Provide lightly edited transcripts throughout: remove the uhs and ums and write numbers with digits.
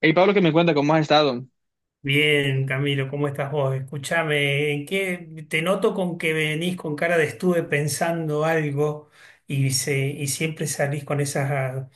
Hey Pablo, que me cuenta cómo has estado. Bien, Camilo, ¿cómo estás vos? Escúchame, ¿en qué te noto con que venís con cara de estuve pensando algo y siempre salís con esas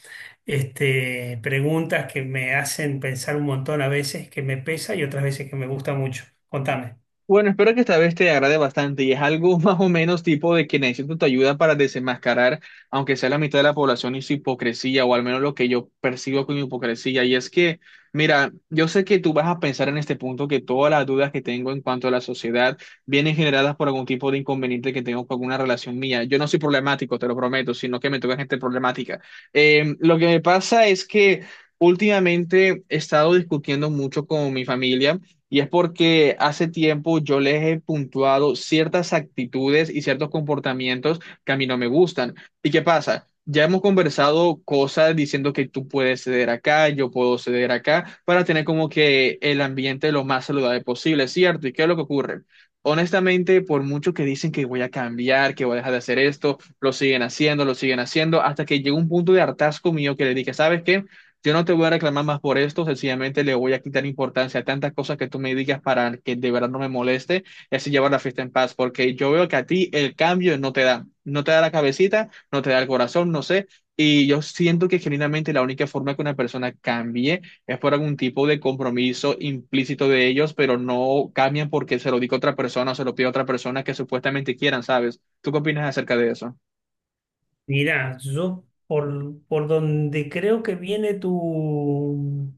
preguntas que me hacen pensar un montón, a veces que me pesa y otras veces que me gusta mucho. Contame. Bueno, espero que esta vez te agrade bastante y es algo más o menos tipo de que necesito tu ayuda para desenmascarar, aunque sea la mitad de la población y su hipocresía, o al menos lo que yo percibo con hipocresía. Y es que, mira, yo sé que tú vas a pensar en este punto que todas las dudas que tengo en cuanto a la sociedad vienen generadas por algún tipo de inconveniente que tengo con alguna relación mía. Yo no soy problemático, te lo prometo, sino que me toca gente problemática. Lo que me pasa es que últimamente he estado discutiendo mucho con mi familia. Y es porque hace tiempo yo les he puntuado ciertas actitudes y ciertos comportamientos que a mí no me gustan. ¿Y qué pasa? Ya hemos conversado cosas diciendo que tú puedes ceder acá, yo puedo ceder acá, para tener como que el ambiente lo más saludable posible, ¿cierto? ¿Y qué es lo que ocurre? Honestamente, por mucho que dicen que voy a cambiar, que voy a dejar de hacer esto, lo siguen haciendo, hasta que llega un punto de hartazgo mío que le dije, ¿sabes qué? Yo no te voy a reclamar más por esto, sencillamente le voy a quitar importancia a tantas cosas que tú me digas para que de verdad no me moleste y así llevar la fiesta en paz, porque yo veo que a ti el cambio no te da, no te da la cabecita, no te da el corazón, no sé, y yo siento que genuinamente la única forma que una persona cambie es por algún tipo de compromiso implícito de ellos, pero no cambian porque se lo diga otra persona o se lo pide a otra persona que supuestamente quieran, ¿sabes? ¿Tú qué opinas acerca de eso? Mirá, yo por donde creo que viene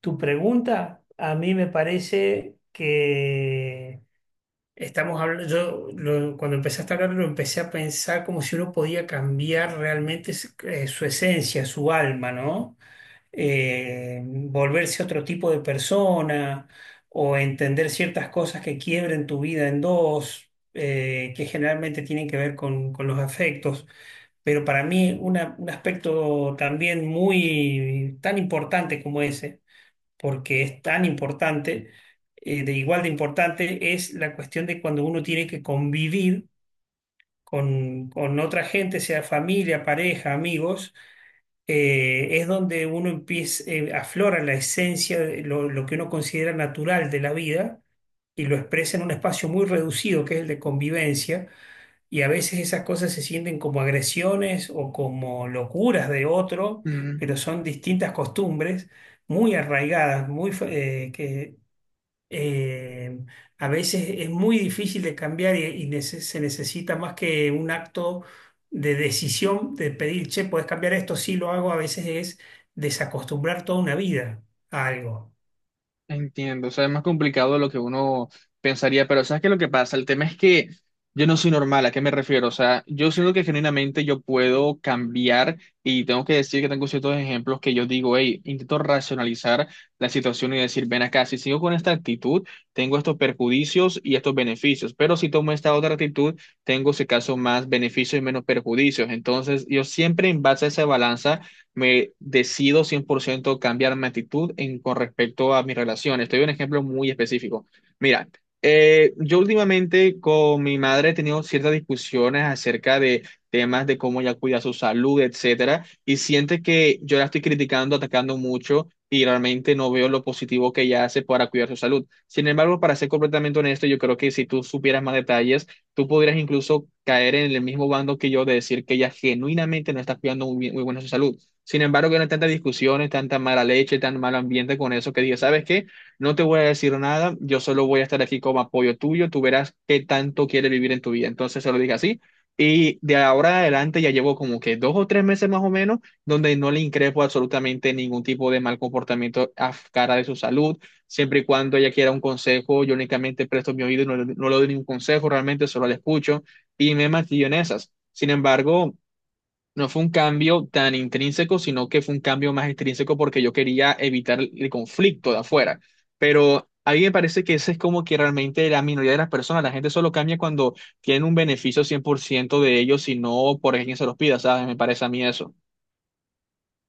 tu pregunta, a mí me parece que estamos hablando. Cuando empezaste a hablar lo empecé a pensar como si uno podía cambiar realmente su esencia, su alma, ¿no? Volverse otro tipo de persona o entender ciertas cosas que quiebren tu vida en dos, que generalmente tienen que ver con los afectos. Pero para mí un aspecto también muy tan importante como ese, porque es tan importante, de igual de importante, es la cuestión de cuando uno tiene que convivir con otra gente, sea familia, pareja, amigos. Es donde uno empieza, aflora la esencia de lo que uno considera natural de la vida y lo expresa en un espacio muy reducido que es el de convivencia. Y a veces esas cosas se sienten como agresiones o como locuras de otro, pero son distintas costumbres muy arraigadas, eh, a veces es muy difícil de cambiar, y se necesita más que un acto de decisión, de pedir, che, puedes cambiar esto, sí lo hago. A veces es desacostumbrar toda una vida a algo. Entiendo, o sea, es más complicado de lo que uno pensaría, pero ¿sabes qué es lo que pasa? El tema es que yo no soy normal, ¿a qué me refiero? O sea, yo siento que genuinamente yo puedo cambiar y tengo que decir que tengo ciertos ejemplos que yo digo, hey, intento racionalizar la situación y decir, ven acá, si sigo con esta actitud, tengo estos perjudicios y estos beneficios, pero si tomo esta otra actitud, tengo, si acaso, más beneficios y menos perjuicios. Entonces, yo siempre en base a esa balanza me decido 100% cambiar mi actitud en, con respecto a mis relaciones. Te doy un ejemplo muy específico. Mira, yo últimamente con mi madre he tenido ciertas discusiones acerca de temas de cómo ella cuida su salud, etcétera, y siente que yo la estoy criticando, atacando mucho. Y realmente no veo lo positivo que ella hace para cuidar su salud. Sin embargo, para ser completamente honesto, yo creo que si tú supieras más detalles, tú podrías incluso caer en el mismo bando que yo de decir que ella genuinamente no está cuidando muy bien, muy buena su salud. Sin embargo, que eran tantas discusiones, tanta mala leche, tan mal ambiente con eso que dije, ¿sabes qué? No te voy a decir nada, yo solo voy a estar aquí como apoyo tuyo, tú verás qué tanto quieres vivir en tu vida. Entonces se lo dije así. Y de ahora en adelante ya llevo como que 2 o 3 meses más o menos donde no le increpo absolutamente ningún tipo de mal comportamiento a cara de su salud. Siempre y cuando ella quiera un consejo, yo únicamente presto mi oído y no, no le doy ningún consejo, realmente solo la escucho y me mantillo en esas. Sin embargo, no fue un cambio tan intrínseco, sino que fue un cambio más intrínseco porque yo quería evitar el conflicto de afuera. Pero a mí me parece que ese es como que realmente la minoría de las personas, la gente solo cambia cuando tienen un beneficio 100% de ellos y no por alguien se los pida, ¿sabes? Me parece a mí eso.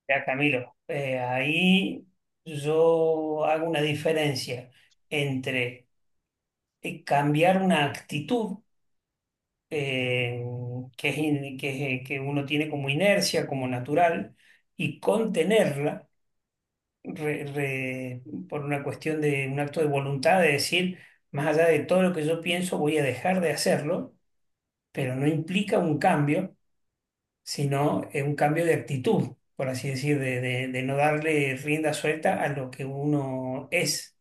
Ya, Camilo, ahí yo hago una diferencia entre, cambiar una actitud, eh, que que uno tiene como inercia, como natural, y contenerla re- re- por una cuestión de un acto de voluntad, de decir, más allá de todo lo que yo pienso, voy a dejar de hacerlo, pero no implica un cambio, sino un cambio de actitud, por así decir, de de no darle rienda suelta a lo que uno es.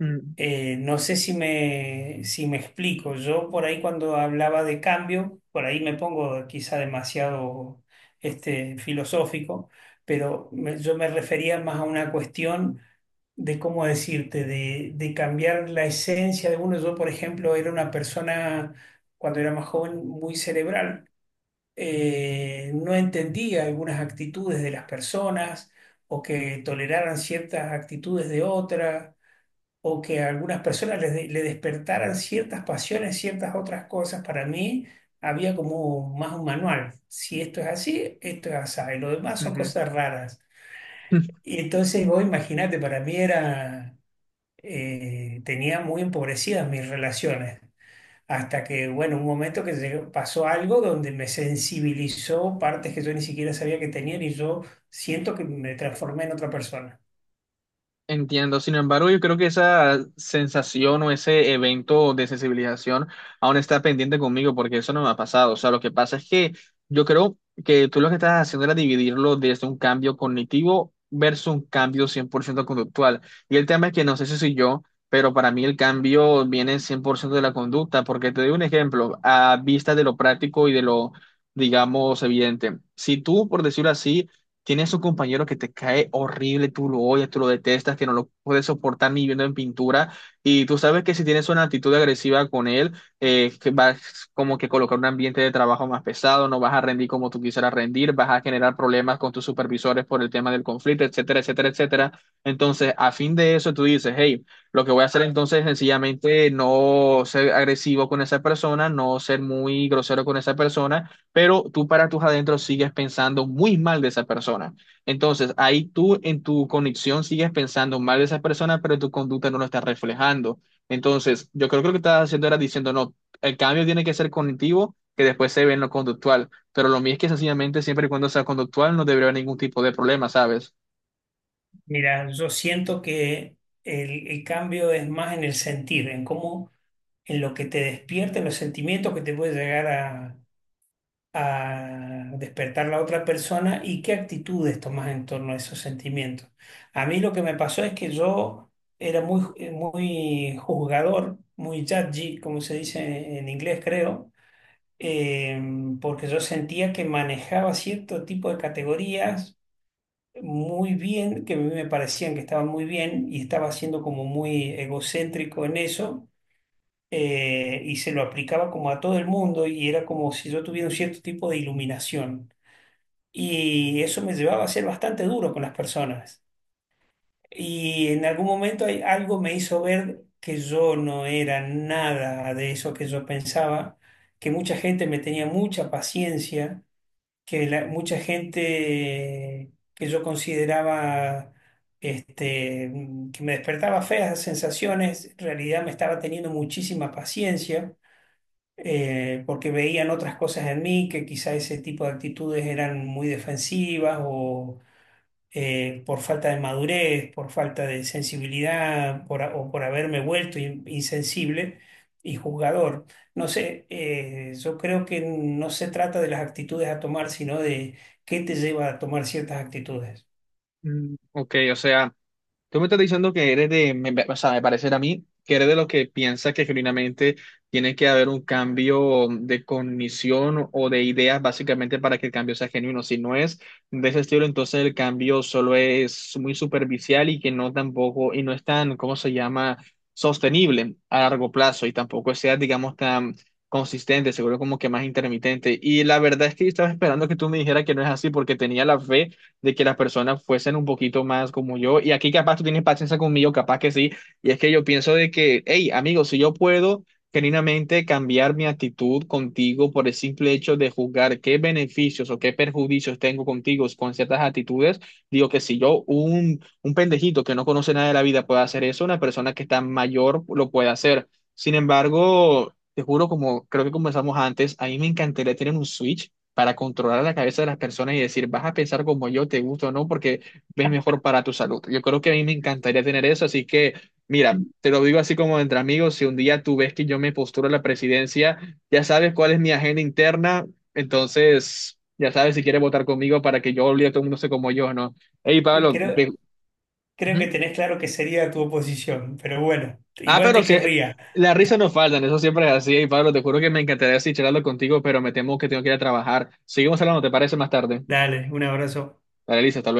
Mm, No sé si si me explico. Yo por ahí cuando hablaba de cambio, por ahí me pongo quizá demasiado filosófico, pero yo me refería más a una cuestión de cómo decirte, de cambiar la esencia de uno. Yo, por ejemplo, era una persona, cuando era más joven, muy cerebral. No entendía algunas actitudes de las personas, o que toleraran ciertas actitudes de otras, o que a algunas personas le despertaran ciertas pasiones, ciertas otras cosas. Para mí había como más un manual. Si esto es así, esto es así. Lo demás son cosas raras. ujú. Y entonces vos imaginate, para mí era, tenía muy empobrecidas mis relaciones. Hasta que, bueno, un momento que pasó algo donde me sensibilizó partes que yo ni siquiera sabía que tenían, y yo siento que me transformé en otra persona. Entiendo, sin embargo, yo creo que esa sensación o ese evento de sensibilización aún está pendiente conmigo porque eso no me ha pasado. O sea, lo que pasa es que yo creo que tú lo que estás haciendo era dividirlo desde un cambio cognitivo versus un cambio 100% conductual. Y el tema es que no sé si soy yo, pero para mí el cambio viene 100% de la conducta, porque te doy un ejemplo, a vista de lo práctico y de lo, digamos, evidente. Si tú, por decirlo así, tienes un compañero que te cae horrible, tú lo odias, tú lo detestas, que no lo puedes soportar ni viendo en pintura, y tú sabes que si tienes una actitud agresiva con él, que vas como que colocar un ambiente de trabajo más pesado, no vas a rendir como tú quisieras rendir, vas a generar problemas con tus supervisores por el tema del conflicto, etcétera, etcétera, etcétera. Entonces, a fin de eso, tú dices, hey, lo que voy a hacer entonces es sencillamente no ser agresivo con esa persona, no ser muy grosero con esa persona, pero tú para tus adentros sigues pensando muy mal de esa persona. Entonces, ahí tú en tu conexión sigues pensando mal de esa persona, pero tu conducta no lo está reflejando. Entonces, yo creo que lo que estás haciendo era diciendo, no, el cambio tiene que ser cognitivo, que después se ve en lo conductual, pero lo mío es que sencillamente siempre y cuando sea conductual no debería haber ningún tipo de problema, ¿sabes? Mira, yo siento que el cambio es más en el sentir, en en lo que te despierta, en los sentimientos que te puede llegar a despertar la otra persona, y qué actitudes tomas en torno a esos sentimientos. A mí lo que me pasó es que yo era muy juzgador, muy judgy, como se dice en inglés, creo. eh, Porque yo sentía que manejaba cierto tipo de categorías muy bien, que a mí me parecían que estaban muy bien, y estaba siendo como muy egocéntrico en eso. Y se lo aplicaba como a todo el mundo, y era como si yo tuviera un cierto tipo de iluminación, y eso me llevaba a ser bastante duro con las personas. Y en algún momento algo me hizo ver que yo no era nada de eso que yo pensaba, que mucha gente me tenía mucha paciencia, que mucha gente que yo consideraba que me despertaba feas sensaciones, en realidad me estaba teniendo muchísima paciencia. Porque veían otras cosas en mí, que quizá ese tipo de actitudes eran muy defensivas, o por falta de madurez, por falta de sensibilidad, o por haberme vuelto insensible y juzgador. No sé, yo creo que no se trata de las actitudes a tomar, sino de qué te lleva a tomar ciertas actitudes. Mm, ok, o sea... Tú me estás diciendo que eres de, o sea, me parece a mí que eres de los que piensa que genuinamente tiene que haber un cambio de cognición o de ideas básicamente para que el cambio sea genuino. Si no es de ese estilo, entonces el cambio solo es muy superficial y que no tampoco, y no es tan, ¿cómo se llama?, sostenible a largo plazo y tampoco sea, digamos, tan consistente, seguro como que más intermitente. Y la verdad es que yo estaba esperando que tú me dijeras que no es así porque tenía la fe de que las personas fuesen un poquito más como yo. Y aquí capaz tú tienes paciencia conmigo, capaz que sí. Y es que yo pienso de que, hey, amigo, si yo puedo genuinamente cambiar mi actitud contigo por el simple hecho de juzgar qué beneficios o qué perjudicios tengo contigo con ciertas actitudes, digo que si yo, un pendejito que no conoce nada de la vida puede hacer eso, una persona que está mayor lo puede hacer. Sin embargo... Te juro, como creo que comenzamos antes, a mí me encantaría tener un Switch para controlar la cabeza de las personas y decir, vas a pensar como yo, te gusta o no, porque ves mejor para tu salud. Yo creo que a mí me encantaría tener eso, así que, mira, te lo digo así como entre amigos, si un día tú ves que yo me posturo a la presidencia, ya sabes cuál es mi agenda interna, entonces, ya sabes si quieres votar conmigo para que yo olvide a todo el mundo sé como yo, ¿no? Hey, Eh, Pablo, te- Creo, creo que Ujú. tenés claro que sería tu oposición, pero bueno, Ah, igual pero te si... querría. Las risas no faltan, eso siempre es así. Y Pablo, te juro que me encantaría así charlarlo contigo, pero me temo que tengo que ir a trabajar. Seguimos hablando, ¿te parece más tarde? Dale, un abrazo. Dale, Lisa, hasta